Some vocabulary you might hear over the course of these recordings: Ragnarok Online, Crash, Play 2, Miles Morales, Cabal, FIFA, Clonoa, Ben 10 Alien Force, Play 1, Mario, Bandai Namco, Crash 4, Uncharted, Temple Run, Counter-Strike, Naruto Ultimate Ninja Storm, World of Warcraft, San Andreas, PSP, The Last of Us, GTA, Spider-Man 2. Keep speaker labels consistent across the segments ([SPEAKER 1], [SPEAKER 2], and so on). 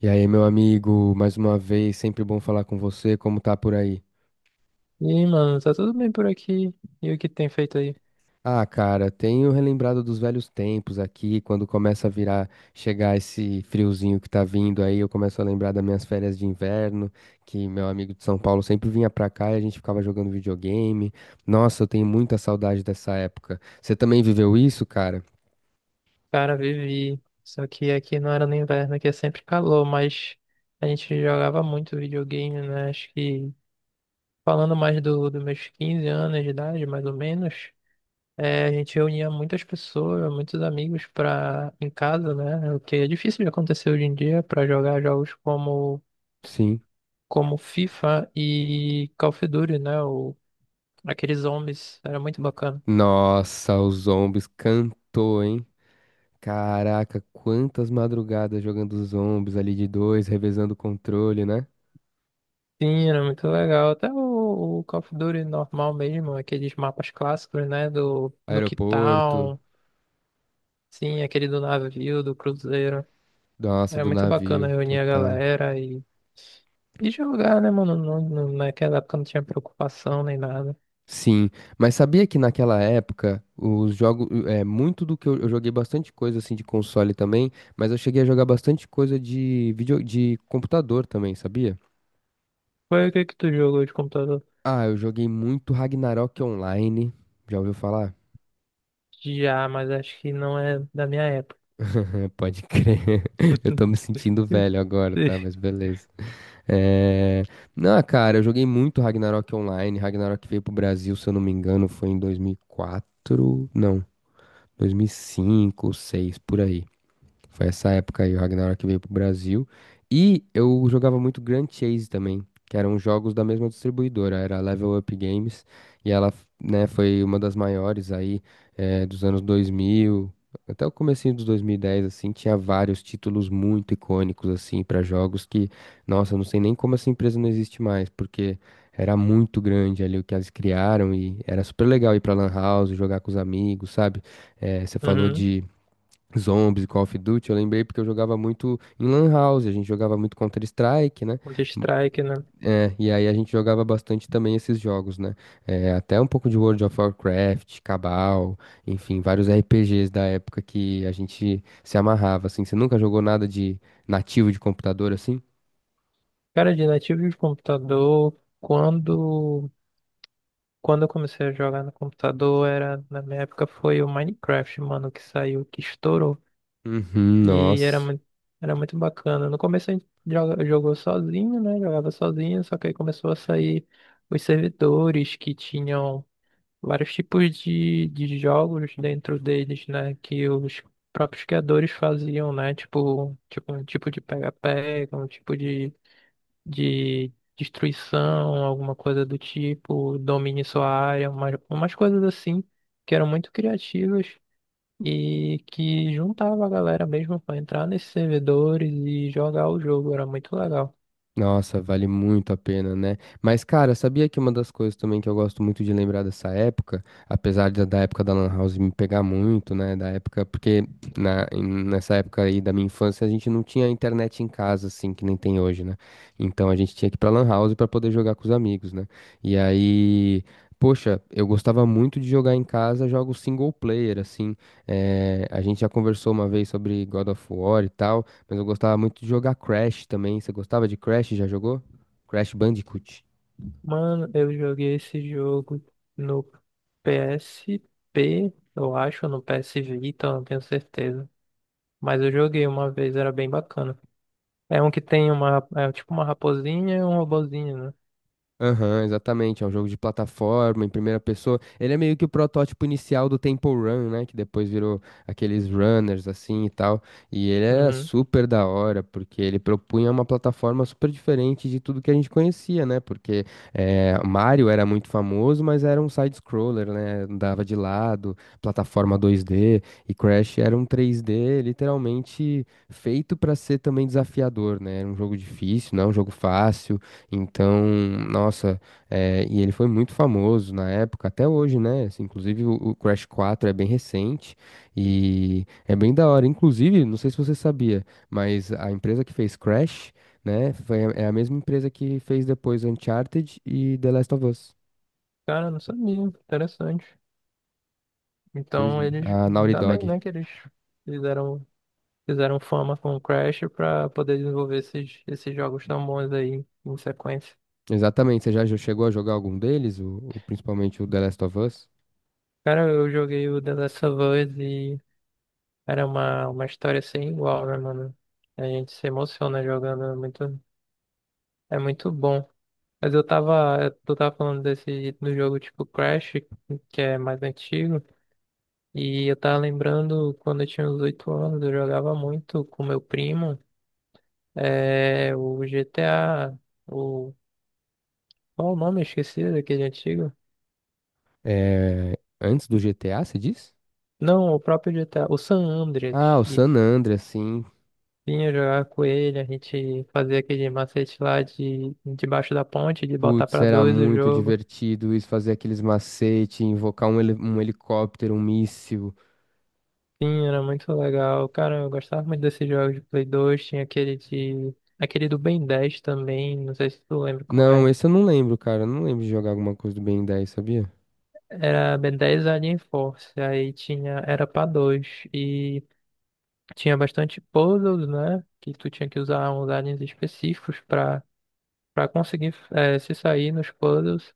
[SPEAKER 1] E aí, meu amigo, mais uma vez, sempre bom falar com você, como tá por aí?
[SPEAKER 2] E aí, mano, tá tudo bem por aqui? E o que tem feito aí?
[SPEAKER 1] Ah, cara, tenho relembrado dos velhos tempos aqui, quando começa a virar, chegar esse friozinho que tá vindo aí, eu começo a lembrar das minhas férias de inverno, que meu amigo de São Paulo sempre vinha pra cá e a gente ficava jogando videogame. Nossa, eu tenho muita saudade dessa época. Você também viveu isso, cara?
[SPEAKER 2] Cara, vivi. Só que aqui não era no inverno, aqui é sempre calor, mas a gente jogava muito videogame, né? Acho que falando mais dos meus 15 anos de idade, mais ou menos, a gente reunia muitas pessoas, muitos amigos pra, em casa, né? O que é difícil de acontecer hoje em dia pra jogar jogos
[SPEAKER 1] Sim.
[SPEAKER 2] como FIFA e Call of Duty, né? O, aqueles zombies, era muito bacana.
[SPEAKER 1] Nossa, o Zombies cantou, hein? Caraca, quantas madrugadas jogando os zombies ali de dois, revezando o controle, né?
[SPEAKER 2] Sim, era muito legal. Até o Call of Duty normal mesmo, aqueles mapas clássicos, né? Do
[SPEAKER 1] Aeroporto,
[SPEAKER 2] Quitão, sim, aquele do navio, do cruzeiro.
[SPEAKER 1] nossa,
[SPEAKER 2] Era
[SPEAKER 1] do
[SPEAKER 2] muito bacana
[SPEAKER 1] navio,
[SPEAKER 2] reunir a
[SPEAKER 1] total.
[SPEAKER 2] galera e jogar, né, mano? Naquela época não tinha preocupação nem nada.
[SPEAKER 1] Sim, mas sabia que naquela época os jogos, é, muito do que eu joguei bastante coisa assim de console também, mas eu cheguei a jogar bastante coisa de vídeo, de computador também, sabia?
[SPEAKER 2] Foi o que que tu jogou de computador?
[SPEAKER 1] Ah, eu joguei muito Ragnarok Online. Já ouviu falar?
[SPEAKER 2] Já, mas acho que não é da minha época.
[SPEAKER 1] Pode crer. Eu tô me sentindo velho agora, tá? Mas beleza. É... Não, cara, eu joguei muito Ragnarok Online. Ragnarok veio pro Brasil, se eu não me engano, foi em 2004. Não, 2005, seis por aí. Foi essa época aí, o Ragnarok veio pro Brasil. E eu jogava muito Grand Chase também, que eram jogos da mesma distribuidora, era a Level Up Games. E ela, né, foi uma das maiores aí, dos anos 2000, até o comecinho dos 2010, assim, tinha vários títulos muito icônicos, assim, para jogos que, nossa, eu não sei nem como essa empresa não existe mais, porque era muito grande ali o que elas criaram e era super legal ir pra Lan House, jogar com os amigos, sabe? Você falou
[SPEAKER 2] Uhum.
[SPEAKER 1] de Zombies, Call of Duty, eu lembrei porque eu jogava muito em Lan House, a gente jogava muito Counter-Strike, né? M-
[SPEAKER 2] Counter-Strike, né?
[SPEAKER 1] e aí a gente jogava bastante também esses jogos, né? É, até um pouco de World of Warcraft, Cabal, enfim, vários RPGs da época que a gente se amarrava, assim. Você nunca jogou nada de nativo de computador assim?
[SPEAKER 2] Cara, de nativo de computador, Quando eu comecei a jogar no computador, na minha época foi o Minecraft, mano, que saiu, que estourou.
[SPEAKER 1] Uhum,
[SPEAKER 2] E era
[SPEAKER 1] nossa.
[SPEAKER 2] muito, era muito bacana. No começo a gente jogou sozinho, né? Jogava sozinho, só que aí começou a sair os servidores que tinham vários tipos de jogos dentro deles, né? Que os próprios criadores faziam, né? Tipo um tipo de pega-pega, um tipo de destruição, alguma coisa do tipo, domine sua área, umas coisas assim que eram muito criativas e que juntava a galera mesmo pra entrar nesses servidores e jogar o jogo, era muito legal.
[SPEAKER 1] Nossa, vale muito a pena, né? Mas, cara, sabia que uma das coisas também que eu gosto muito de lembrar dessa época, apesar de da época da Lan House me pegar muito, né? Da época, porque nessa época aí da minha infância a gente não tinha internet em casa, assim, que nem tem hoje, né? Então a gente tinha que ir pra Lan House pra poder jogar com os amigos, né? E aí. Poxa, eu gostava muito de jogar em casa jogos single player, assim. A gente já conversou uma vez sobre God of War e tal. Mas eu gostava muito de jogar Crash também. Você gostava de Crash? Já jogou? Crash Bandicoot.
[SPEAKER 2] Mano, eu joguei esse jogo no PSP, eu acho, ou no PS Vita, eu não tenho certeza. Mas eu joguei uma vez, era bem bacana. É um que tem uma, é tipo uma raposinha e um robozinho, né?
[SPEAKER 1] Aham, exatamente. É um jogo de plataforma em primeira pessoa. Ele é meio que o protótipo inicial do Temple Run, né? Que depois virou aqueles runners assim e tal. E ele era
[SPEAKER 2] Uhum.
[SPEAKER 1] super da hora, porque ele propunha uma plataforma super diferente de tudo que a gente conhecia, né? Porque Mario era muito famoso, mas era um side-scroller, né? Andava de lado, plataforma 2D. E Crash era um 3D literalmente feito para ser também desafiador, né? Era um jogo difícil, não é um jogo fácil. Então, nossa, e ele foi muito famoso na época, até hoje, né? Assim, inclusive o Crash 4 é bem recente e é bem da hora. Inclusive, não sei se você sabia, mas a empresa que fez Crash, né, foi, é a mesma empresa que fez depois Uncharted e The Last of Us.
[SPEAKER 2] Cara, eu não sabia. Interessante.
[SPEAKER 1] Pois
[SPEAKER 2] Então
[SPEAKER 1] é,
[SPEAKER 2] eles,
[SPEAKER 1] a Naughty
[SPEAKER 2] ainda bem,
[SPEAKER 1] Dog.
[SPEAKER 2] né, que eles fizeram, fizeram fama com o Crash pra poder desenvolver esses jogos tão bons aí em sequência.
[SPEAKER 1] Exatamente, você já chegou a jogar algum deles, principalmente o The Last of Us?
[SPEAKER 2] Cara, eu joguei o The Last of Us e era uma história sem igual, né, mano? A gente se emociona jogando, é muito bom. Mas eu tu tava falando desse, do jogo tipo Crash, que é mais antigo, e eu tava lembrando quando eu tinha uns 8 anos, eu jogava muito com meu primo. É o GTA. O... Qual o nome? Esqueci daquele antigo.
[SPEAKER 1] Antes do GTA, você diz?
[SPEAKER 2] Não, o próprio GTA. O San
[SPEAKER 1] Ah,
[SPEAKER 2] Andreas.
[SPEAKER 1] o San
[SPEAKER 2] Isso.
[SPEAKER 1] Andreas, sim.
[SPEAKER 2] Vinha jogar com ele, a gente fazia aquele macete lá de debaixo da ponte, de botar
[SPEAKER 1] Putz,
[SPEAKER 2] pra
[SPEAKER 1] era
[SPEAKER 2] dois o
[SPEAKER 1] muito
[SPEAKER 2] jogo.
[SPEAKER 1] divertido isso, fazer aqueles macete, invocar um helicóptero, um míssil.
[SPEAKER 2] Sim, era muito legal. Cara, eu gostava muito desses jogos de Play 2. Tinha aquele de. Aquele do Ben 10 também, não sei se tu lembra qual
[SPEAKER 1] Não,
[SPEAKER 2] é.
[SPEAKER 1] esse eu não lembro, cara. Eu não lembro de jogar alguma coisa do Ben 10, sabia?
[SPEAKER 2] Era Ben 10 Alien Force, aí tinha, era pra dois. E tinha bastante puzzles, né? Que tu tinha que usar uns aliens específicos para conseguir se sair nos puzzles.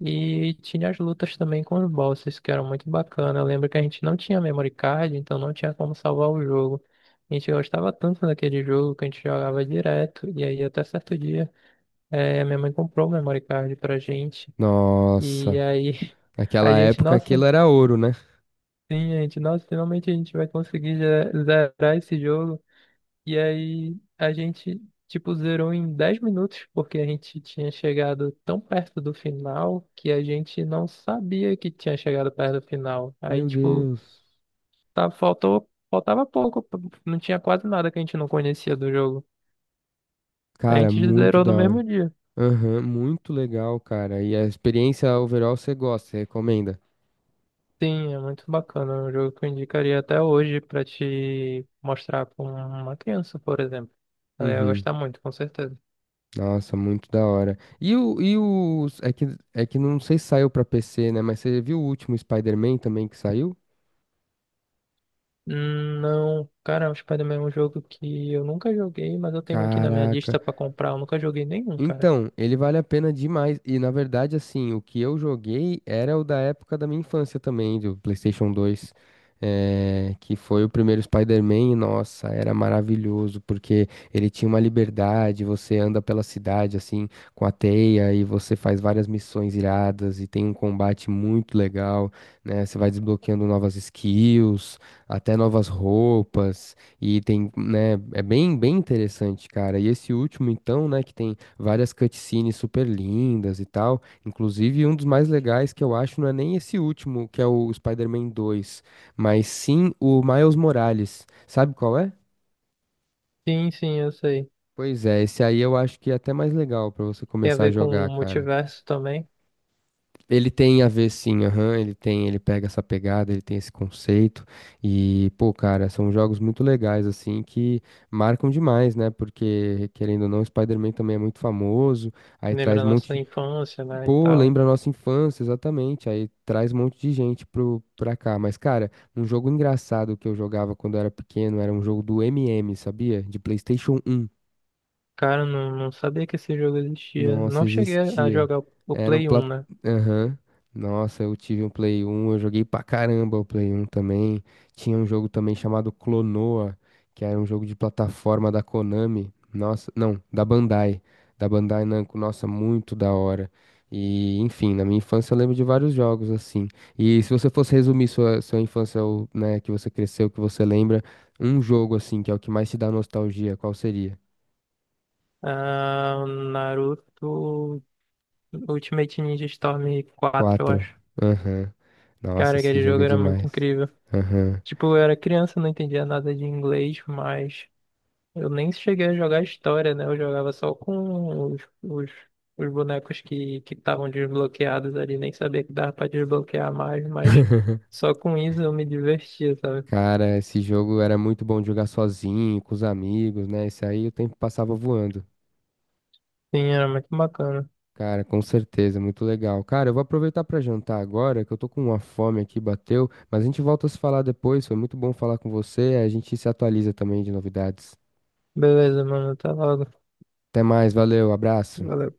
[SPEAKER 2] E tinha as lutas também com os bosses, que eram muito bacana. Eu lembro que a gente não tinha memory card, então não tinha como salvar o jogo. A gente gostava tanto daquele jogo que a gente jogava direto. E aí, até certo dia, minha mãe comprou o memory card pra gente. E
[SPEAKER 1] Nossa,
[SPEAKER 2] aí, a
[SPEAKER 1] naquela
[SPEAKER 2] gente,
[SPEAKER 1] época aquilo
[SPEAKER 2] nossa,
[SPEAKER 1] era ouro, né?
[SPEAKER 2] sim, a gente, nossa, finalmente a gente vai conseguir zerar esse jogo. E aí a gente, tipo, zerou em 10 minutos, porque a gente tinha chegado tão perto do final que a gente não sabia que tinha chegado perto do final. Aí,
[SPEAKER 1] Meu
[SPEAKER 2] tipo,
[SPEAKER 1] Deus.
[SPEAKER 2] faltava pouco, não tinha quase nada que a gente não conhecia do jogo. A
[SPEAKER 1] Cara,
[SPEAKER 2] gente
[SPEAKER 1] muito
[SPEAKER 2] zerou no
[SPEAKER 1] da hora.
[SPEAKER 2] mesmo dia.
[SPEAKER 1] Aham, muito legal, cara. E a experiência overall você gosta, você recomenda?
[SPEAKER 2] Sim, é muito bacana. É um jogo que eu indicaria até hoje pra te mostrar pra uma criança, por exemplo. Ela ia
[SPEAKER 1] Uhum.
[SPEAKER 2] gostar muito, com certeza.
[SPEAKER 1] Nossa, muito da hora. E o, e os, é que não sei se saiu pra PC, né? Mas você viu o último Spider-Man também que saiu?
[SPEAKER 2] Não, cara, o Spider-Man é um jogo que eu nunca joguei, mas eu tenho aqui na minha
[SPEAKER 1] Caraca.
[SPEAKER 2] lista pra comprar. Eu nunca joguei nenhum, cara.
[SPEAKER 1] Então, ele vale a pena demais. E na verdade, assim, o que eu joguei era o da época da minha infância também, do PlayStation 2, que foi o primeiro Spider-Man. E nossa, era maravilhoso, porque ele tinha uma liberdade. Você anda pela cidade, assim, com a teia, e você faz várias missões iradas, e tem um combate muito legal, né? Você vai desbloqueando novas skills, até novas roupas, e tem, né? É bem, bem interessante, cara. E esse último, então, né, que tem várias cutscenes super lindas e tal. Inclusive, um dos mais legais que eu acho não é nem esse último, que é o Spider-Man 2, mas sim o Miles Morales. Sabe qual é?
[SPEAKER 2] Sim, sim, eu sei.
[SPEAKER 1] Pois é, esse aí eu acho que é até mais legal pra você
[SPEAKER 2] Tem a
[SPEAKER 1] começar a
[SPEAKER 2] ver com o
[SPEAKER 1] jogar, cara.
[SPEAKER 2] multiverso também.
[SPEAKER 1] Ele tem a ver sim, aham, ele tem, ele pega essa pegada, ele tem esse conceito e, pô, cara, são jogos muito legais assim que marcam demais, né? Porque querendo ou não, o Spider-Man também é muito famoso, aí
[SPEAKER 2] Lembra
[SPEAKER 1] traz
[SPEAKER 2] a
[SPEAKER 1] um
[SPEAKER 2] nossa
[SPEAKER 1] monte.
[SPEAKER 2] infância, né, e
[SPEAKER 1] Pô,
[SPEAKER 2] tal.
[SPEAKER 1] lembra a nossa infância, exatamente. Aí traz um monte de gente pra cá. Mas, cara, um jogo engraçado que eu jogava quando eu era pequeno era um jogo do MM, sabia? De PlayStation 1.
[SPEAKER 2] Cara, eu não sabia que esse jogo existia.
[SPEAKER 1] Nossa,
[SPEAKER 2] Não cheguei a
[SPEAKER 1] existia.
[SPEAKER 2] jogar o
[SPEAKER 1] Era um
[SPEAKER 2] Play
[SPEAKER 1] plat...
[SPEAKER 2] 1, né?
[SPEAKER 1] Aham. Nossa, eu tive um Play 1, eu joguei pra caramba o Play 1 também. Tinha um jogo também chamado Clonoa, que era um jogo de plataforma da Konami. Nossa, não, da Bandai. Da Bandai Namco, nossa, muito da hora. E, enfim, na minha infância eu lembro de vários jogos assim. E se você fosse resumir sua infância, né, que você cresceu, que você lembra, um jogo assim, que é o que mais te dá nostalgia, qual seria?
[SPEAKER 2] Ah, o Naruto Ultimate Ninja Storm 4 eu
[SPEAKER 1] 4.
[SPEAKER 2] acho.
[SPEAKER 1] Aham. Nossa,
[SPEAKER 2] Cara,
[SPEAKER 1] esse
[SPEAKER 2] aquele
[SPEAKER 1] jogo
[SPEAKER 2] jogo
[SPEAKER 1] é
[SPEAKER 2] era muito
[SPEAKER 1] demais.
[SPEAKER 2] incrível.
[SPEAKER 1] Aham.
[SPEAKER 2] Tipo, eu era criança, não entendia nada de inglês, mas eu nem cheguei a jogar história, né? Eu jogava só com os bonecos que estavam desbloqueados ali. Nem sabia que dava pra desbloquear mais, mas só com isso eu me divertia, sabe?
[SPEAKER 1] Cara, esse jogo era muito bom de jogar sozinho, com os amigos, né? Esse aí o tempo passava voando.
[SPEAKER 2] Sim, era muito bacana.
[SPEAKER 1] Cara, com certeza, muito legal. Cara, eu vou aproveitar pra jantar agora, que eu tô com uma fome aqui, bateu, mas a gente volta a se falar depois. Foi muito bom falar com você, a gente se atualiza também de novidades.
[SPEAKER 2] Beleza, mano. Até logo.
[SPEAKER 1] Até mais, valeu, abraço.
[SPEAKER 2] Valeu.